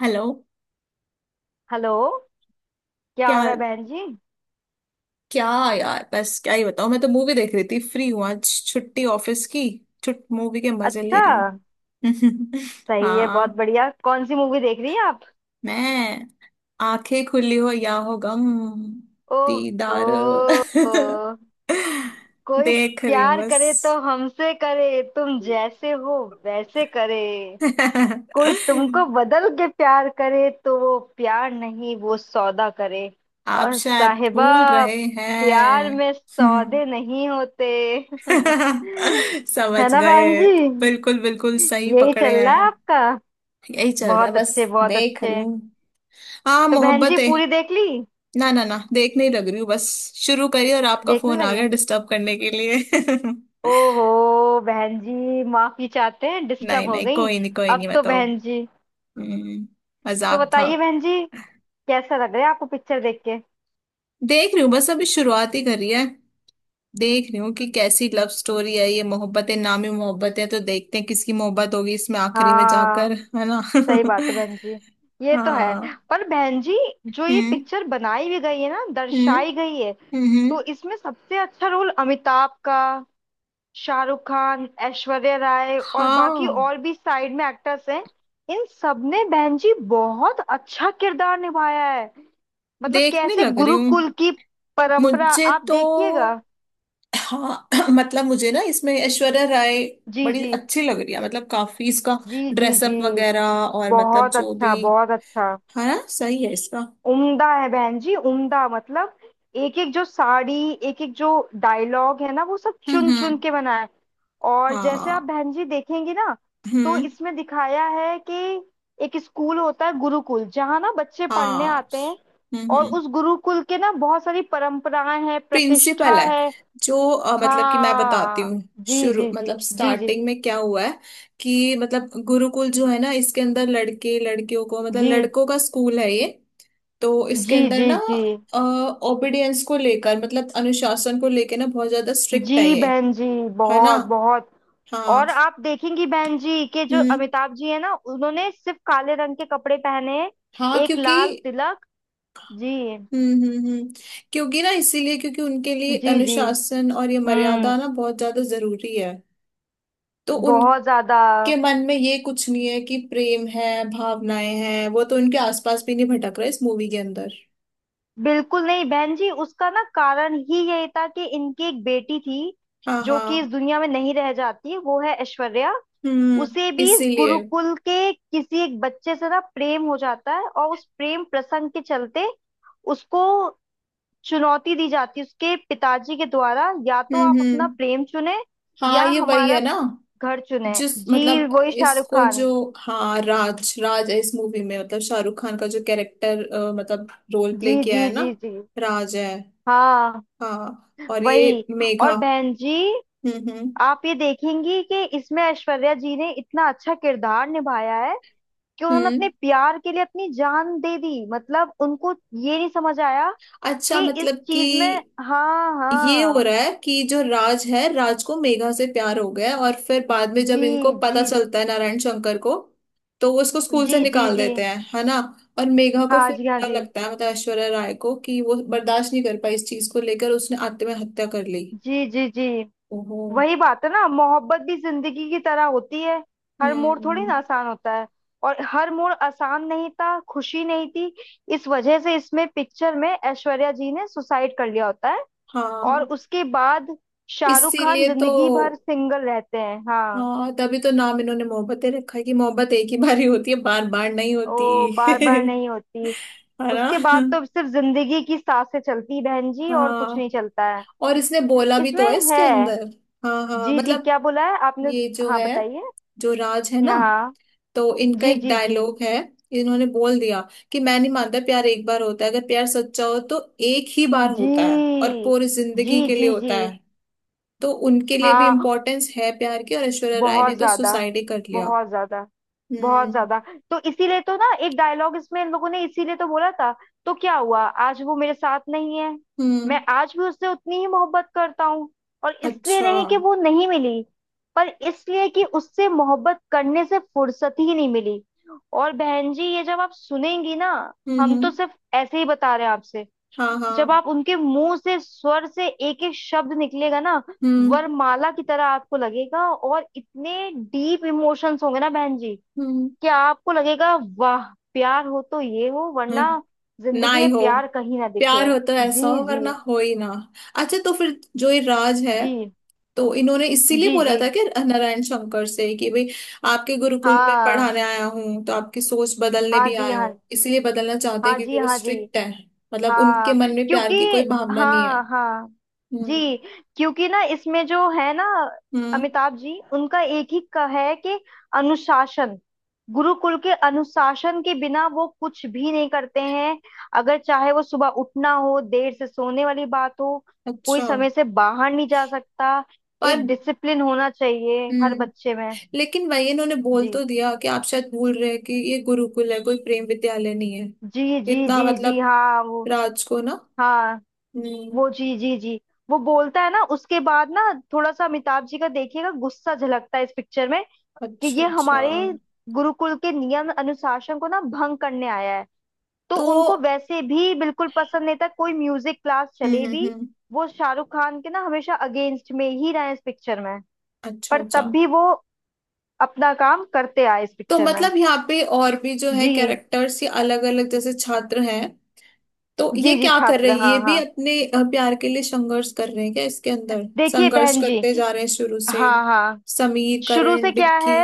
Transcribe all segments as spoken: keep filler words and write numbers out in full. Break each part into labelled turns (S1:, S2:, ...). S1: Hello.
S2: Hello. क्या हो
S1: क्या
S2: रहा है बहन जी?
S1: क्या यार बस क्या ही बताऊं, मैं तो मूवी देख रही थी। फ्री हूँ आज, छुट्टी ऑफिस की। छुट मूवी के मजे ले
S2: अच्छा,
S1: रही हूँ।
S2: सही है, बहुत
S1: हाँ।
S2: बढ़िया। कौन सी मूवी देख रही हैं आप?
S1: मैं आंखें खुली हो या हो गम
S2: ओह
S1: दीदार
S2: हो, कोई
S1: देख रही हूँ
S2: प्यार करे तो
S1: बस।
S2: हमसे करे, तुम जैसे हो वैसे करे। कोई तुमको बदल के प्यार करे तो वो प्यार नहीं, वो सौदा करे।
S1: आप
S2: और
S1: शायद
S2: साहिबा,
S1: भूल रहे
S2: प्यार में
S1: हैं।
S2: सौदे नहीं होते।
S1: समझ
S2: है ना
S1: गए।
S2: बहन जी?
S1: बिल्कुल बिल्कुल सही
S2: यही
S1: पकड़े
S2: चल रहा
S1: हैं।
S2: है आपका?
S1: यही चल रहा है
S2: बहुत
S1: बस।
S2: अच्छे, बहुत
S1: देख रही
S2: अच्छे।
S1: हूँ। हाँ
S2: तो बहन जी,
S1: मोहब्बत है।
S2: पूरी देख ली?
S1: ना ना ना, देख नहीं लग रही हूँ बस। शुरू करी और आपका
S2: देखने
S1: फोन आ गया
S2: लगे?
S1: डिस्टर्ब करने के लिए।
S2: ओहो बहन जी, माफी चाहते हैं,
S1: नहीं
S2: डिस्टर्ब हो
S1: नहीं
S2: गई।
S1: कोई नहीं कोई
S2: अब
S1: नहीं
S2: तो
S1: बताओ।
S2: बहन जी,
S1: हम्म,
S2: तो
S1: मजाक था।
S2: बताइए बहन जी, कैसा लग रहा है आपको पिक्चर देख के?
S1: देख रही हूँ बस, अभी शुरुआत ही करी है। देख रही हूँ कि कैसी लव स्टोरी है ये। मोहब्बतें नामी मोहब्बतें, तो देखते हैं किसकी मोहब्बत होगी इसमें आखिरी में
S2: हाँ,
S1: जाकर, है ना।
S2: सही बात है बहन जी, ये तो है।
S1: हाँ।
S2: पर बहन जी, जो ये
S1: हम्म
S2: पिक्चर बनाई भी गई है ना,
S1: हम्म
S2: दर्शाई गई है,
S1: हम्म हम्म।
S2: तो इसमें सबसे अच्छा रोल अमिताभ का, शाहरुख खान, ऐश्वर्या राय और बाकी
S1: हाँ,
S2: और भी साइड में एक्टर्स हैं। इन सबने बहन जी बहुत अच्छा किरदार निभाया है। मतलब
S1: देखने
S2: कैसे
S1: लग रही हूँ।
S2: गुरुकुल की परंपरा,
S1: मुझे
S2: आप
S1: तो
S2: देखिएगा।
S1: हाँ मतलब मुझे ना इसमें ऐश्वर्या राय
S2: जी
S1: बड़ी
S2: जी
S1: अच्छी लग रही है। मतलब काफी इसका
S2: जी जी जी।
S1: ड्रेसअप वगैरह, और मतलब
S2: बहुत
S1: जो भी
S2: अच्छा, बहुत अच्छा।
S1: है ना, सही है इसका।
S2: उम्दा है बहन जी, उम्दा मतलब। एक एक जो साड़ी, एक एक जो डायलॉग है ना, वो सब
S1: हम्म
S2: चुन चुन
S1: हम्म
S2: के बनाया है। और जैसे आप
S1: हाँ।
S2: बहन जी देखेंगी ना, तो
S1: हम्म
S2: इसमें दिखाया है कि एक स्कूल होता है गुरुकुल, जहाँ ना बच्चे पढ़ने
S1: हाँ।
S2: आते हैं।
S1: हम्म
S2: और
S1: हम्म
S2: उस गुरुकुल के ना बहुत सारी परंपराएं हैं,
S1: प्रिंसिपल
S2: प्रतिष्ठा
S1: है
S2: है।
S1: जो अ, मतलब कि मैं बताती
S2: हाँ,
S1: हूँ
S2: जी
S1: शुरू,
S2: जी जी
S1: मतलब
S2: जी जी
S1: स्टार्टिंग में क्या हुआ है। कि मतलब गुरुकुल जो है ना, इसके अंदर लड़के लड़कियों को, मतलब
S2: जी
S1: लड़कों का स्कूल है ये। तो इसके
S2: जी
S1: अंदर
S2: जी
S1: ना
S2: जी
S1: ओबीडियंस को लेकर, मतलब अनुशासन को लेकर ना बहुत ज्यादा स्ट्रिक्ट है
S2: जी
S1: ये,
S2: बहन जी,
S1: है ना।
S2: बहुत बहुत। और
S1: हाँ।
S2: आप देखेंगी बहन जी के जो
S1: हम्म
S2: अमिताभ जी है ना, उन्होंने सिर्फ काले रंग के कपड़े पहने हैं,
S1: हाँ
S2: एक
S1: क्योंकि
S2: लाल तिलक। जी
S1: हम्म हम्म हम्म क्योंकि ना, इसीलिए क्योंकि उनके लिए
S2: जी जी।
S1: अनुशासन और ये मर्यादा
S2: हम्म,
S1: ना बहुत ज्यादा जरूरी है। तो
S2: बहुत
S1: उनके
S2: ज्यादा।
S1: मन में ये कुछ नहीं है कि प्रेम है, भावनाएं हैं, वो तो उनके आसपास भी नहीं भटक रहा इस मूवी के अंदर।
S2: बिल्कुल नहीं बहन जी, उसका ना कारण ही यही था कि इनकी एक बेटी थी
S1: हाँ
S2: जो कि इस
S1: हाँ
S2: दुनिया में नहीं रह जाती, वो है ऐश्वर्या।
S1: हम्म
S2: उसे भी इस
S1: इसीलिए
S2: गुरुकुल के किसी एक बच्चे से ना प्रेम हो जाता है, और उस प्रेम प्रसंग के चलते उसको चुनौती दी जाती है उसके पिताजी के द्वारा, या तो
S1: हम्म
S2: आप अपना
S1: हम्म
S2: प्रेम चुने
S1: हाँ,
S2: या
S1: ये वही है
S2: हमारा
S1: ना,
S2: घर चुने।
S1: जिस
S2: जी,
S1: मतलब
S2: वही शाहरुख
S1: इसको जो
S2: खान।
S1: हाँ, राज राज है इस मूवी में, मतलब शाहरुख खान का जो कैरेक्टर, मतलब रोल
S2: जी
S1: प्ले
S2: जी
S1: किया है ना,
S2: जी जी,
S1: राज है।
S2: हाँ
S1: हाँ और ये
S2: वही।
S1: मेघा।
S2: और बहन जी,
S1: हम्म हम्म
S2: आप ये देखेंगी कि इसमें ऐश्वर्या जी ने इतना अच्छा किरदार निभाया है कि उन्होंने अपने
S1: हम्म
S2: प्यार के लिए अपनी जान दे दी। मतलब उनको ये नहीं समझ आया
S1: अच्छा
S2: कि इस
S1: मतलब कि
S2: चीज में, हाँ
S1: ये हो
S2: हाँ,
S1: रहा है कि जो राज है, राज को मेघा से प्यार हो गया है। और फिर बाद में जब
S2: जी
S1: इनको पता
S2: जी
S1: चलता है, नारायण शंकर को, तो वो उसको स्कूल
S2: जी
S1: से
S2: जी
S1: निकाल
S2: जी।
S1: देते हैं, है ना। और मेघा को
S2: हाँ
S1: फिर
S2: जी, हाँ
S1: बुरा
S2: जी,
S1: लगता है, मतलब ऐश्वर्या राय को, कि वो बर्दाश्त नहीं कर पाई इस चीज को लेकर, उसने आत्महत्या कर ली।
S2: जी जी जी।
S1: ओहो।
S2: वही बात है ना, मोहब्बत भी जिंदगी की तरह होती है। हर मोड़ थोड़ी
S1: हम्म
S2: ना आसान होता है। और हर मोड़ आसान नहीं था, खुशी नहीं थी। इस वजह से इसमें पिक्चर में ऐश्वर्या जी ने सुसाइड कर लिया होता है। और
S1: हाँ,
S2: उसके बाद शाहरुख खान
S1: इसीलिए तो।
S2: जिंदगी भर सिंगल रहते हैं। हाँ,
S1: हाँ, तभी तो नाम इन्होंने मोहब्बतें रखा है कि मोहब्बत एक ही बारी होती है, बार बार नहीं
S2: ओ बार बार
S1: होती।
S2: नहीं होती।
S1: है ना।
S2: उसके बाद तो सिर्फ जिंदगी की सांसें चलती हैं बहन जी, और कुछ
S1: हाँ,
S2: नहीं चलता है।
S1: और इसने बोला भी तो है
S2: इसमें
S1: इसके
S2: है।
S1: अंदर। हाँ हाँ,
S2: जी जी,
S1: मतलब
S2: क्या बोला है आपने?
S1: ये जो
S2: हाँ
S1: है,
S2: बताइए।
S1: जो राज है ना,
S2: हाँ,
S1: तो इनका
S2: जी
S1: एक
S2: जी जी
S1: डायलॉग है, इन्होंने बोल दिया कि मैं नहीं मानता प्यार एक बार होता है। अगर प्यार सच्चा हो तो एक ही बार
S2: जी
S1: होता है और पूरी
S2: जी
S1: जिंदगी के लिए
S2: जी जी।
S1: होता है। तो उनके लिए भी
S2: हाँ,
S1: इम्पोर्टेंस है प्यार की, और ऐश्वर्या राय ने
S2: बहुत
S1: तो
S2: ज्यादा,
S1: सुसाइड ही कर लिया।
S2: बहुत ज्यादा, बहुत
S1: हम्म
S2: ज्यादा। तो इसीलिए तो ना एक डायलॉग इसमें इन लोगों ने इसीलिए तो बोला था, तो क्या हुआ आज वो मेरे साथ नहीं है, मैं
S1: हम्म
S2: आज भी उससे उतनी ही मोहब्बत करता हूँ। और इसलिए
S1: अच्छा।
S2: नहीं कि
S1: हम्म
S2: वो नहीं मिली, पर इसलिए कि उससे मोहब्बत करने से फुर्सत ही नहीं मिली। और बहन जी, ये जब आप सुनेंगी ना, हम
S1: हम्म
S2: तो सिर्फ ऐसे ही बता रहे हैं आपसे।
S1: हाँ
S2: जब
S1: हाँ
S2: आप उनके मुंह से स्वर से एक एक शब्द निकलेगा ना,
S1: हम्म
S2: वरमाला की तरह आपको लगेगा, और इतने डीप इमोशंस होंगे ना बहन जी,
S1: हम्म
S2: क्या आपको लगेगा, वाह, प्यार हो तो ये हो
S1: हाँ,
S2: वरना
S1: ना
S2: जिंदगी
S1: ही
S2: में
S1: हो।
S2: प्यार कहीं ना
S1: प्यार
S2: दिखे।
S1: हो तो ऐसा
S2: जी
S1: हो,
S2: जी
S1: वरना हो ही ना। अच्छा, तो फिर जो ये राज है,
S2: जी
S1: तो इन्होंने इसीलिए
S2: जी
S1: बोला
S2: जी।
S1: था कि नारायण शंकर से कि भाई, आपके गुरुकुल में
S2: हाँ
S1: पढ़ाने आया हूँ तो आपकी सोच बदलने
S2: हाँ
S1: भी
S2: जी,
S1: आया
S2: हाँ
S1: हूँ, इसीलिए बदलना चाहते हैं
S2: हाँ जी,
S1: क्योंकि वो
S2: हाँ जी,
S1: स्ट्रिक्ट है, मतलब उनके
S2: हाँ
S1: मन में
S2: क्योंकि,
S1: प्यार की कोई भावना नहीं है।
S2: हाँ हाँ।
S1: हम्म
S2: जी, क्योंकि ना इसमें जो है ना,
S1: हम्म
S2: अमिताभ जी उनका एक ही का है कि अनुशासन, गुरुकुल के अनुशासन के बिना वो कुछ भी नहीं करते हैं। अगर चाहे वो सुबह उठना हो, देर से सोने वाली बात हो, कोई
S1: अच्छा।
S2: समय से बाहर नहीं जा सकता।
S1: पर
S2: एक डिसिप्लिन होना चाहिए हर
S1: हम्म
S2: बच्चे में।
S1: लेकिन वही इन्होंने बोल
S2: जी
S1: तो दिया कि आप शायद भूल रहे हैं कि ये गुरुकुल है, कोई प्रेम विद्यालय नहीं है।
S2: जी जी
S1: इतना
S2: जी जी,
S1: मतलब
S2: हाँ वो,
S1: राज को ना
S2: हाँ
S1: हम्म
S2: वो, जी जी जी। वो बोलता है ना उसके बाद ना, थोड़ा सा अमिताभ जी का देखिएगा गुस्सा झलकता है इस पिक्चर में, कि
S1: अच्छा
S2: ये
S1: अच्छा।
S2: हमारे गुरुकुल के नियम अनुशासन को ना भंग करने आया है। तो
S1: तो
S2: उनको वैसे भी बिल्कुल पसंद नहीं था कोई म्यूजिक क्लास
S1: हम्म
S2: चले
S1: हम्म
S2: भी।
S1: हम्म,
S2: वो शाहरुख खान के ना हमेशा अगेंस्ट में ही रहे इस पिक्चर में।
S1: अच्छा
S2: पर
S1: अच्छा।
S2: तब भी वो अपना काम करते आए इस
S1: तो
S2: पिक्चर में।
S1: मतलब यहाँ पे और भी जो है
S2: जी
S1: कैरेक्टर्स ये अलग अलग, जैसे छात्र हैं, तो ये
S2: जी जी,
S1: क्या कर रहे
S2: छात्र,
S1: हैं, ये
S2: हाँ
S1: भी
S2: हाँ।
S1: अपने अ, प्यार के लिए संघर्ष कर रहे हैं क्या इसके अंदर,
S2: देखिए
S1: संघर्ष
S2: बहन जी,
S1: करते जा रहे हैं शुरू से।
S2: हाँ हाँ,
S1: समीर
S2: शुरू से
S1: करण
S2: क्या है।
S1: विक्की।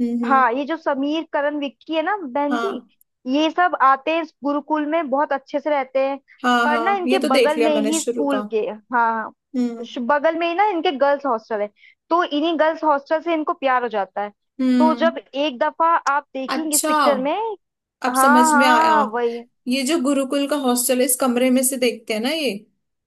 S1: हम्म हम्म
S2: हाँ, ये जो समीर, करण, विक्की है ना बहन जी,
S1: हाँ
S2: ये सब आते हैं इस गुरुकुल में, बहुत अच्छे से रहते हैं।
S1: हाँ
S2: पर ना
S1: हाँ ये
S2: इनके
S1: तो देख
S2: बगल
S1: लिया
S2: में
S1: मैंने
S2: ही
S1: शुरू का।
S2: स्कूल के, हाँ, हाँ,
S1: हम्म
S2: श- बगल में ही ना इनके गर्ल्स हॉस्टल है। तो इन्हीं गर्ल्स हॉस्टल से इनको प्यार हो जाता है। तो जब
S1: हम्म
S2: एक दफा आप देखेंगे इस
S1: अच्छा,
S2: पिक्चर में,
S1: अब समझ
S2: हाँ
S1: में आया।
S2: हाँ वही,
S1: ये जो गुरुकुल का हॉस्टल है, इस कमरे में से देखते हैं ना ये,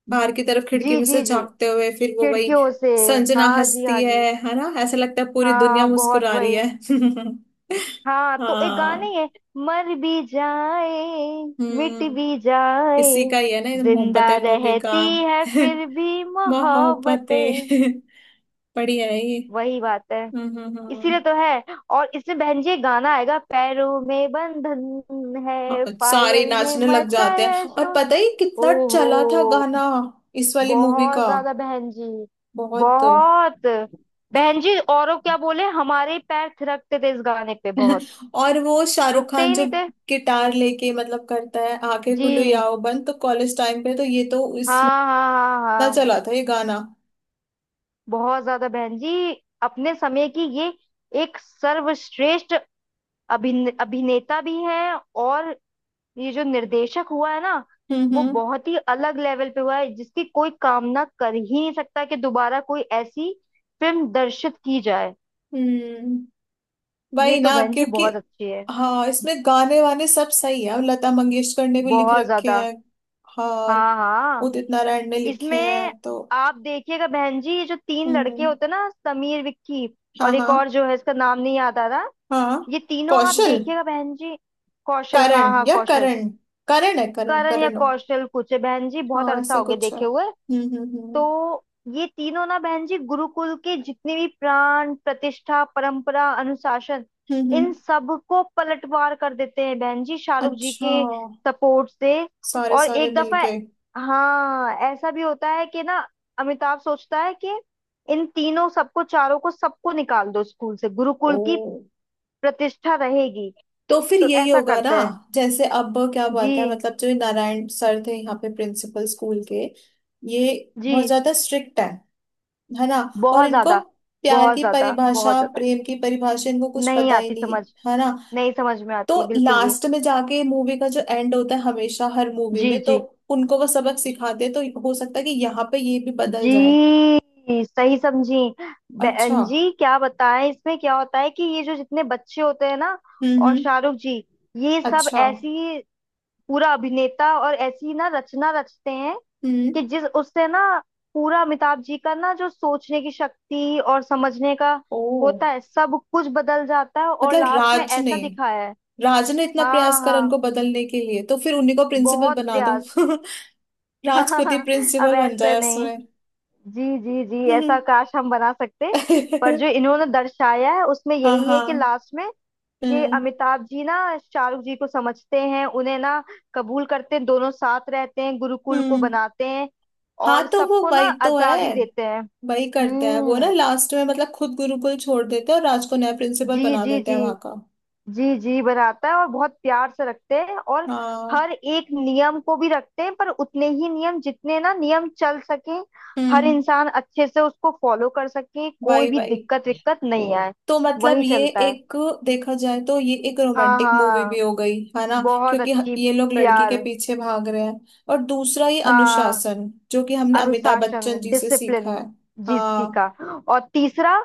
S1: बाहर की तरफ खिड़की
S2: जी
S1: में से
S2: जी जी,
S1: झांकते हुए, फिर वो वही
S2: खिड़कियों से।
S1: संजना
S2: हाँ जी,
S1: हंसती
S2: हाँ
S1: है
S2: जी,
S1: है ना। ऐसा लगता है पूरी दुनिया
S2: हाँ, बहुत
S1: मुस्कुरा रही
S2: वही।
S1: है।
S2: हाँ, तो एक गाना ही
S1: हाँ।
S2: है, मर भी जाए, मिट
S1: हम्म
S2: भी जाए,
S1: इसी का ही है ना ये
S2: जिंदा
S1: मोहब्बतें मूवी का।
S2: रहती है फिर भी मोहब्बतें।
S1: मोहब्बतें। बढ़िया है ये।
S2: वही बात है।
S1: हम्म हम्म
S2: इसीलिए
S1: हम्म।
S2: तो है। और इसमें बहन जी एक गाना आएगा, पैरों में बंधन
S1: हाँ,
S2: है,
S1: सारे
S2: पायल ने
S1: नाचने लग जाते
S2: मचाया
S1: हैं। और
S2: शोर।
S1: पता ही कितना चला था
S2: ओहो,
S1: गाना इस वाली मूवी का,
S2: बहुत ज्यादा बहन जी,
S1: बहुत।
S2: बहुत। बहन जी औरों क्या बोले, हमारे ही पैर थिरकते थे इस गाने पे, बहुत,
S1: और वो शाहरुख
S2: रुकते
S1: खान
S2: ही
S1: जो
S2: नहीं थे।
S1: गिटार लेके, मतलब करता है आंखें खुलो या
S2: जी,
S1: हो बंद, तो कॉलेज टाइम पे तो ये तो इसमें
S2: हाँ हाँ, हाँ
S1: इतना
S2: हाँ,
S1: चला था ये गाना।
S2: बहुत ज्यादा बहन जी। अपने समय की ये एक सर्वश्रेष्ठ अभिन अभिनेता भी हैं। और ये जो निर्देशक हुआ है ना,
S1: हम्म
S2: वो
S1: हम्म
S2: बहुत ही अलग लेवल पे हुआ है, जिसकी कोई कामना कर ही नहीं सकता कि दोबारा कोई ऐसी फिल्म दर्शित की जाए।
S1: हम्म
S2: ये
S1: वही ना,
S2: तो बहन जी
S1: क्योंकि
S2: बहुत अच्छी है।
S1: हाँ इसमें गाने वाने सब सही है। अब लता मंगेशकर ने भी लिख
S2: बहुत
S1: रखे
S2: ज्यादा,
S1: हैं। हाँ
S2: हाँ हाँ।
S1: उदित नारायण ने लिखे हैं
S2: इसमें
S1: तो
S2: आप देखिएगा बहन जी, ये जो तीन लड़के
S1: हम्म
S2: होते हैं ना, समीर, विक्की,
S1: हाँ
S2: और
S1: हाँ
S2: एक और जो है, इसका नाम नहीं याद आ रहा।
S1: हाँ
S2: ये तीनों आप
S1: कौशल।
S2: देखिएगा बहन जी। कौशल, हाँ
S1: करण
S2: हाँ
S1: या
S2: कौशल,
S1: करण, करण है, करण
S2: करण या
S1: करण हो।
S2: कौशल कुछ है, बहन जी बहुत
S1: हाँ
S2: अरसा
S1: ऐसा
S2: हो गया
S1: कुछ है।
S2: देखे हुए।
S1: हम्म हम्म हम्म
S2: तो ये तीनों ना बहन जी गुरुकुल के जितने भी प्राण प्रतिष्ठा परंपरा अनुशासन,
S1: हम्म
S2: इन
S1: हम्म
S2: सब को पलटवार कर देते हैं बहन जी शाहरुख जी
S1: अच्छा।
S2: के सपोर्ट से।
S1: सारे
S2: और
S1: सारे
S2: एक दफा,
S1: मिलके।
S2: हाँ ऐसा भी होता है कि ना अमिताभ सोचता है कि इन तीनों सबको, चारों को, सबको निकाल दो स्कूल से,
S1: ओ,
S2: गुरुकुल की प्रतिष्ठा रहेगी।
S1: तो फिर
S2: तो
S1: यही
S2: ऐसा
S1: होगा ना।
S2: करते हैं।
S1: जैसे अब क्या
S2: जी
S1: बात है, मतलब जो ये नारायण सर थे यहाँ पे प्रिंसिपल स्कूल के, ये बहुत
S2: जी।
S1: ज्यादा स्ट्रिक्ट है है ना। और
S2: बहुत
S1: इनको
S2: ज्यादा,
S1: प्यार
S2: बहुत
S1: की
S2: ज्यादा, बहुत
S1: परिभाषा,
S2: ज्यादा।
S1: प्रेम की परिभाषा इनको कुछ
S2: नहीं
S1: पता ही
S2: आती
S1: नहीं,
S2: समझ,
S1: है ना।
S2: नहीं समझ में
S1: तो
S2: आती बिल्कुल भी।
S1: लास्ट में जाके मूवी का जो एंड होता है हमेशा हर मूवी
S2: जी
S1: में, तो
S2: जी
S1: उनको वो सबक सिखाते हैं, तो हो सकता है कि यहाँ पे ये भी बदल जाए।
S2: जी, सही समझी
S1: अच्छा।
S2: बहन जी। क्या बताएं इसमें क्या होता है कि ये जो जितने बच्चे होते हैं ना,
S1: हम्म
S2: और
S1: हम्म
S2: शाहरुख जी, ये सब
S1: अच्छा।
S2: ऐसी पूरा अभिनेता और ऐसी ना रचना रचते हैं
S1: हम्म
S2: कि जिस उससे ना, पूरा अमिताभ जी का ना जो सोचने की शक्ति और समझने का
S1: ओ,
S2: होता है, सब कुछ बदल जाता है। और
S1: मतलब
S2: लास्ट में
S1: राज ने
S2: ऐसा दिखाया है,
S1: राज ने इतना प्रयास
S2: हाँ
S1: करा
S2: हाँ,
S1: उनको बदलने के लिए, तो फिर उन्हीं को प्रिंसिपल
S2: बहुत
S1: बना दो।
S2: प्रयास।
S1: राज खुद ही
S2: हाँ, अब
S1: प्रिंसिपल बन
S2: ऐसे
S1: जाए
S2: नहीं,
S1: उसमें।
S2: जी जी जी, ऐसा काश हम बना सकते। पर जो इन्होंने दर्शाया है उसमें
S1: हाँ
S2: यही
S1: हाँ
S2: है कि लास्ट में कि
S1: हम्म
S2: अमिताभ जी ना शाहरुख जी को समझते हैं, उन्हें ना कबूल करते हैं, दोनों साथ रहते हैं, गुरुकुल को
S1: हम्म
S2: बनाते हैं
S1: हाँ
S2: और
S1: तो वो
S2: सबको ना
S1: वही तो
S2: आजादी
S1: है।
S2: देते हैं।
S1: वही करते हैं वो ना
S2: हम्म,
S1: लास्ट में, मतलब खुद गुरुकुल छोड़ देते हैं और राज को नया प्रिंसिपल
S2: जी
S1: बना
S2: जी
S1: देते
S2: जी
S1: हैं वहां का।
S2: जी जी। बनाता है और बहुत प्यार से रखते हैं, और
S1: हाँ।
S2: हर एक नियम को भी रखते हैं पर उतने ही नियम जितने ना नियम चल सके, हर
S1: हम्म
S2: इंसान अच्छे से उसको फॉलो कर सके, कोई
S1: वही
S2: भी
S1: वही।
S2: दिक्कत विक्कत नहीं आए।
S1: तो मतलब
S2: वही
S1: ये
S2: चलता है।
S1: एक, देखा जाए तो ये एक
S2: हाँ
S1: रोमांटिक मूवी भी
S2: हाँ,
S1: हो गई है ना,
S2: बहुत
S1: क्योंकि ह-
S2: अच्छी।
S1: ये लोग लड़की के
S2: प्यार,
S1: पीछे भाग रहे हैं। और दूसरा ये
S2: हाँ।
S1: अनुशासन जो कि हमने अमिताभ
S2: अनुशासन,
S1: बच्चन जी से सीखा
S2: डिसिप्लिन,
S1: है।
S2: जीसी
S1: हाँ।
S2: का। और तीसरा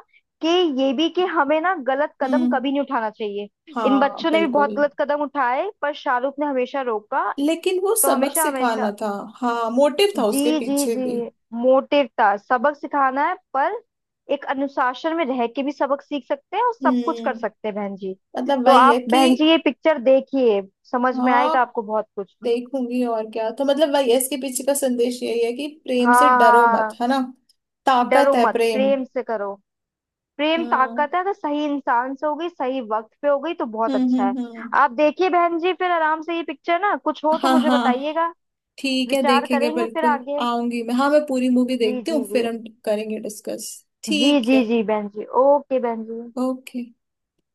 S2: कि ये भी कि हमें ना गलत कदम
S1: हम्म
S2: कभी नहीं उठाना चाहिए। इन
S1: हाँ
S2: बच्चों ने भी
S1: बिल्कुल।
S2: बहुत गलत कदम उठाए पर शाहरुख ने हमेशा रोका।
S1: लेकिन वो
S2: तो
S1: सबक
S2: हमेशा
S1: सिखाना
S2: हमेशा,
S1: था। हाँ, मोटिव था उसके
S2: जी जी
S1: पीछे
S2: जी,
S1: भी।
S2: मोटिव था सबक सिखाना है, पर एक अनुशासन में रह के भी सबक सीख सकते हैं और सब कुछ
S1: हम्म
S2: कर सकते हैं बहन जी।
S1: मतलब
S2: तो
S1: वही है
S2: आप
S1: कि
S2: बहन जी ये पिक्चर देखिए, समझ में
S1: हाँ,
S2: आएगा आपको बहुत कुछ।
S1: देखूंगी। और क्या, तो मतलब वही है, इसके पीछे का संदेश यही है कि प्रेम से
S2: हाँ
S1: डरो मत,
S2: हाँ।
S1: है ना। ताकत
S2: डरो
S1: है
S2: मत,
S1: प्रेम।
S2: प्रेम से करो, प्रेम
S1: हम्म
S2: ताकत है। अगर सही इंसान से हो गई, सही वक्त पे हो गई, तो बहुत
S1: हम्म
S2: अच्छा है।
S1: हम्म हम्म
S2: आप देखिए बहन जी फिर आराम से ये पिक्चर, ना कुछ हो तो
S1: हाँ
S2: मुझे
S1: हाँ
S2: बताइएगा,
S1: ठीक है
S2: विचार
S1: देखेंगे
S2: करेंगे फिर
S1: बिल्कुल।
S2: आगे।
S1: आऊंगी मैं, हाँ मैं पूरी मूवी
S2: जी
S1: देखती
S2: जी
S1: हूँ, फिर
S2: जी
S1: हम करेंगे डिस्कस।
S2: जी
S1: ठीक
S2: जी
S1: है।
S2: जी बहन जी, ओके बहन जी।
S1: ओके।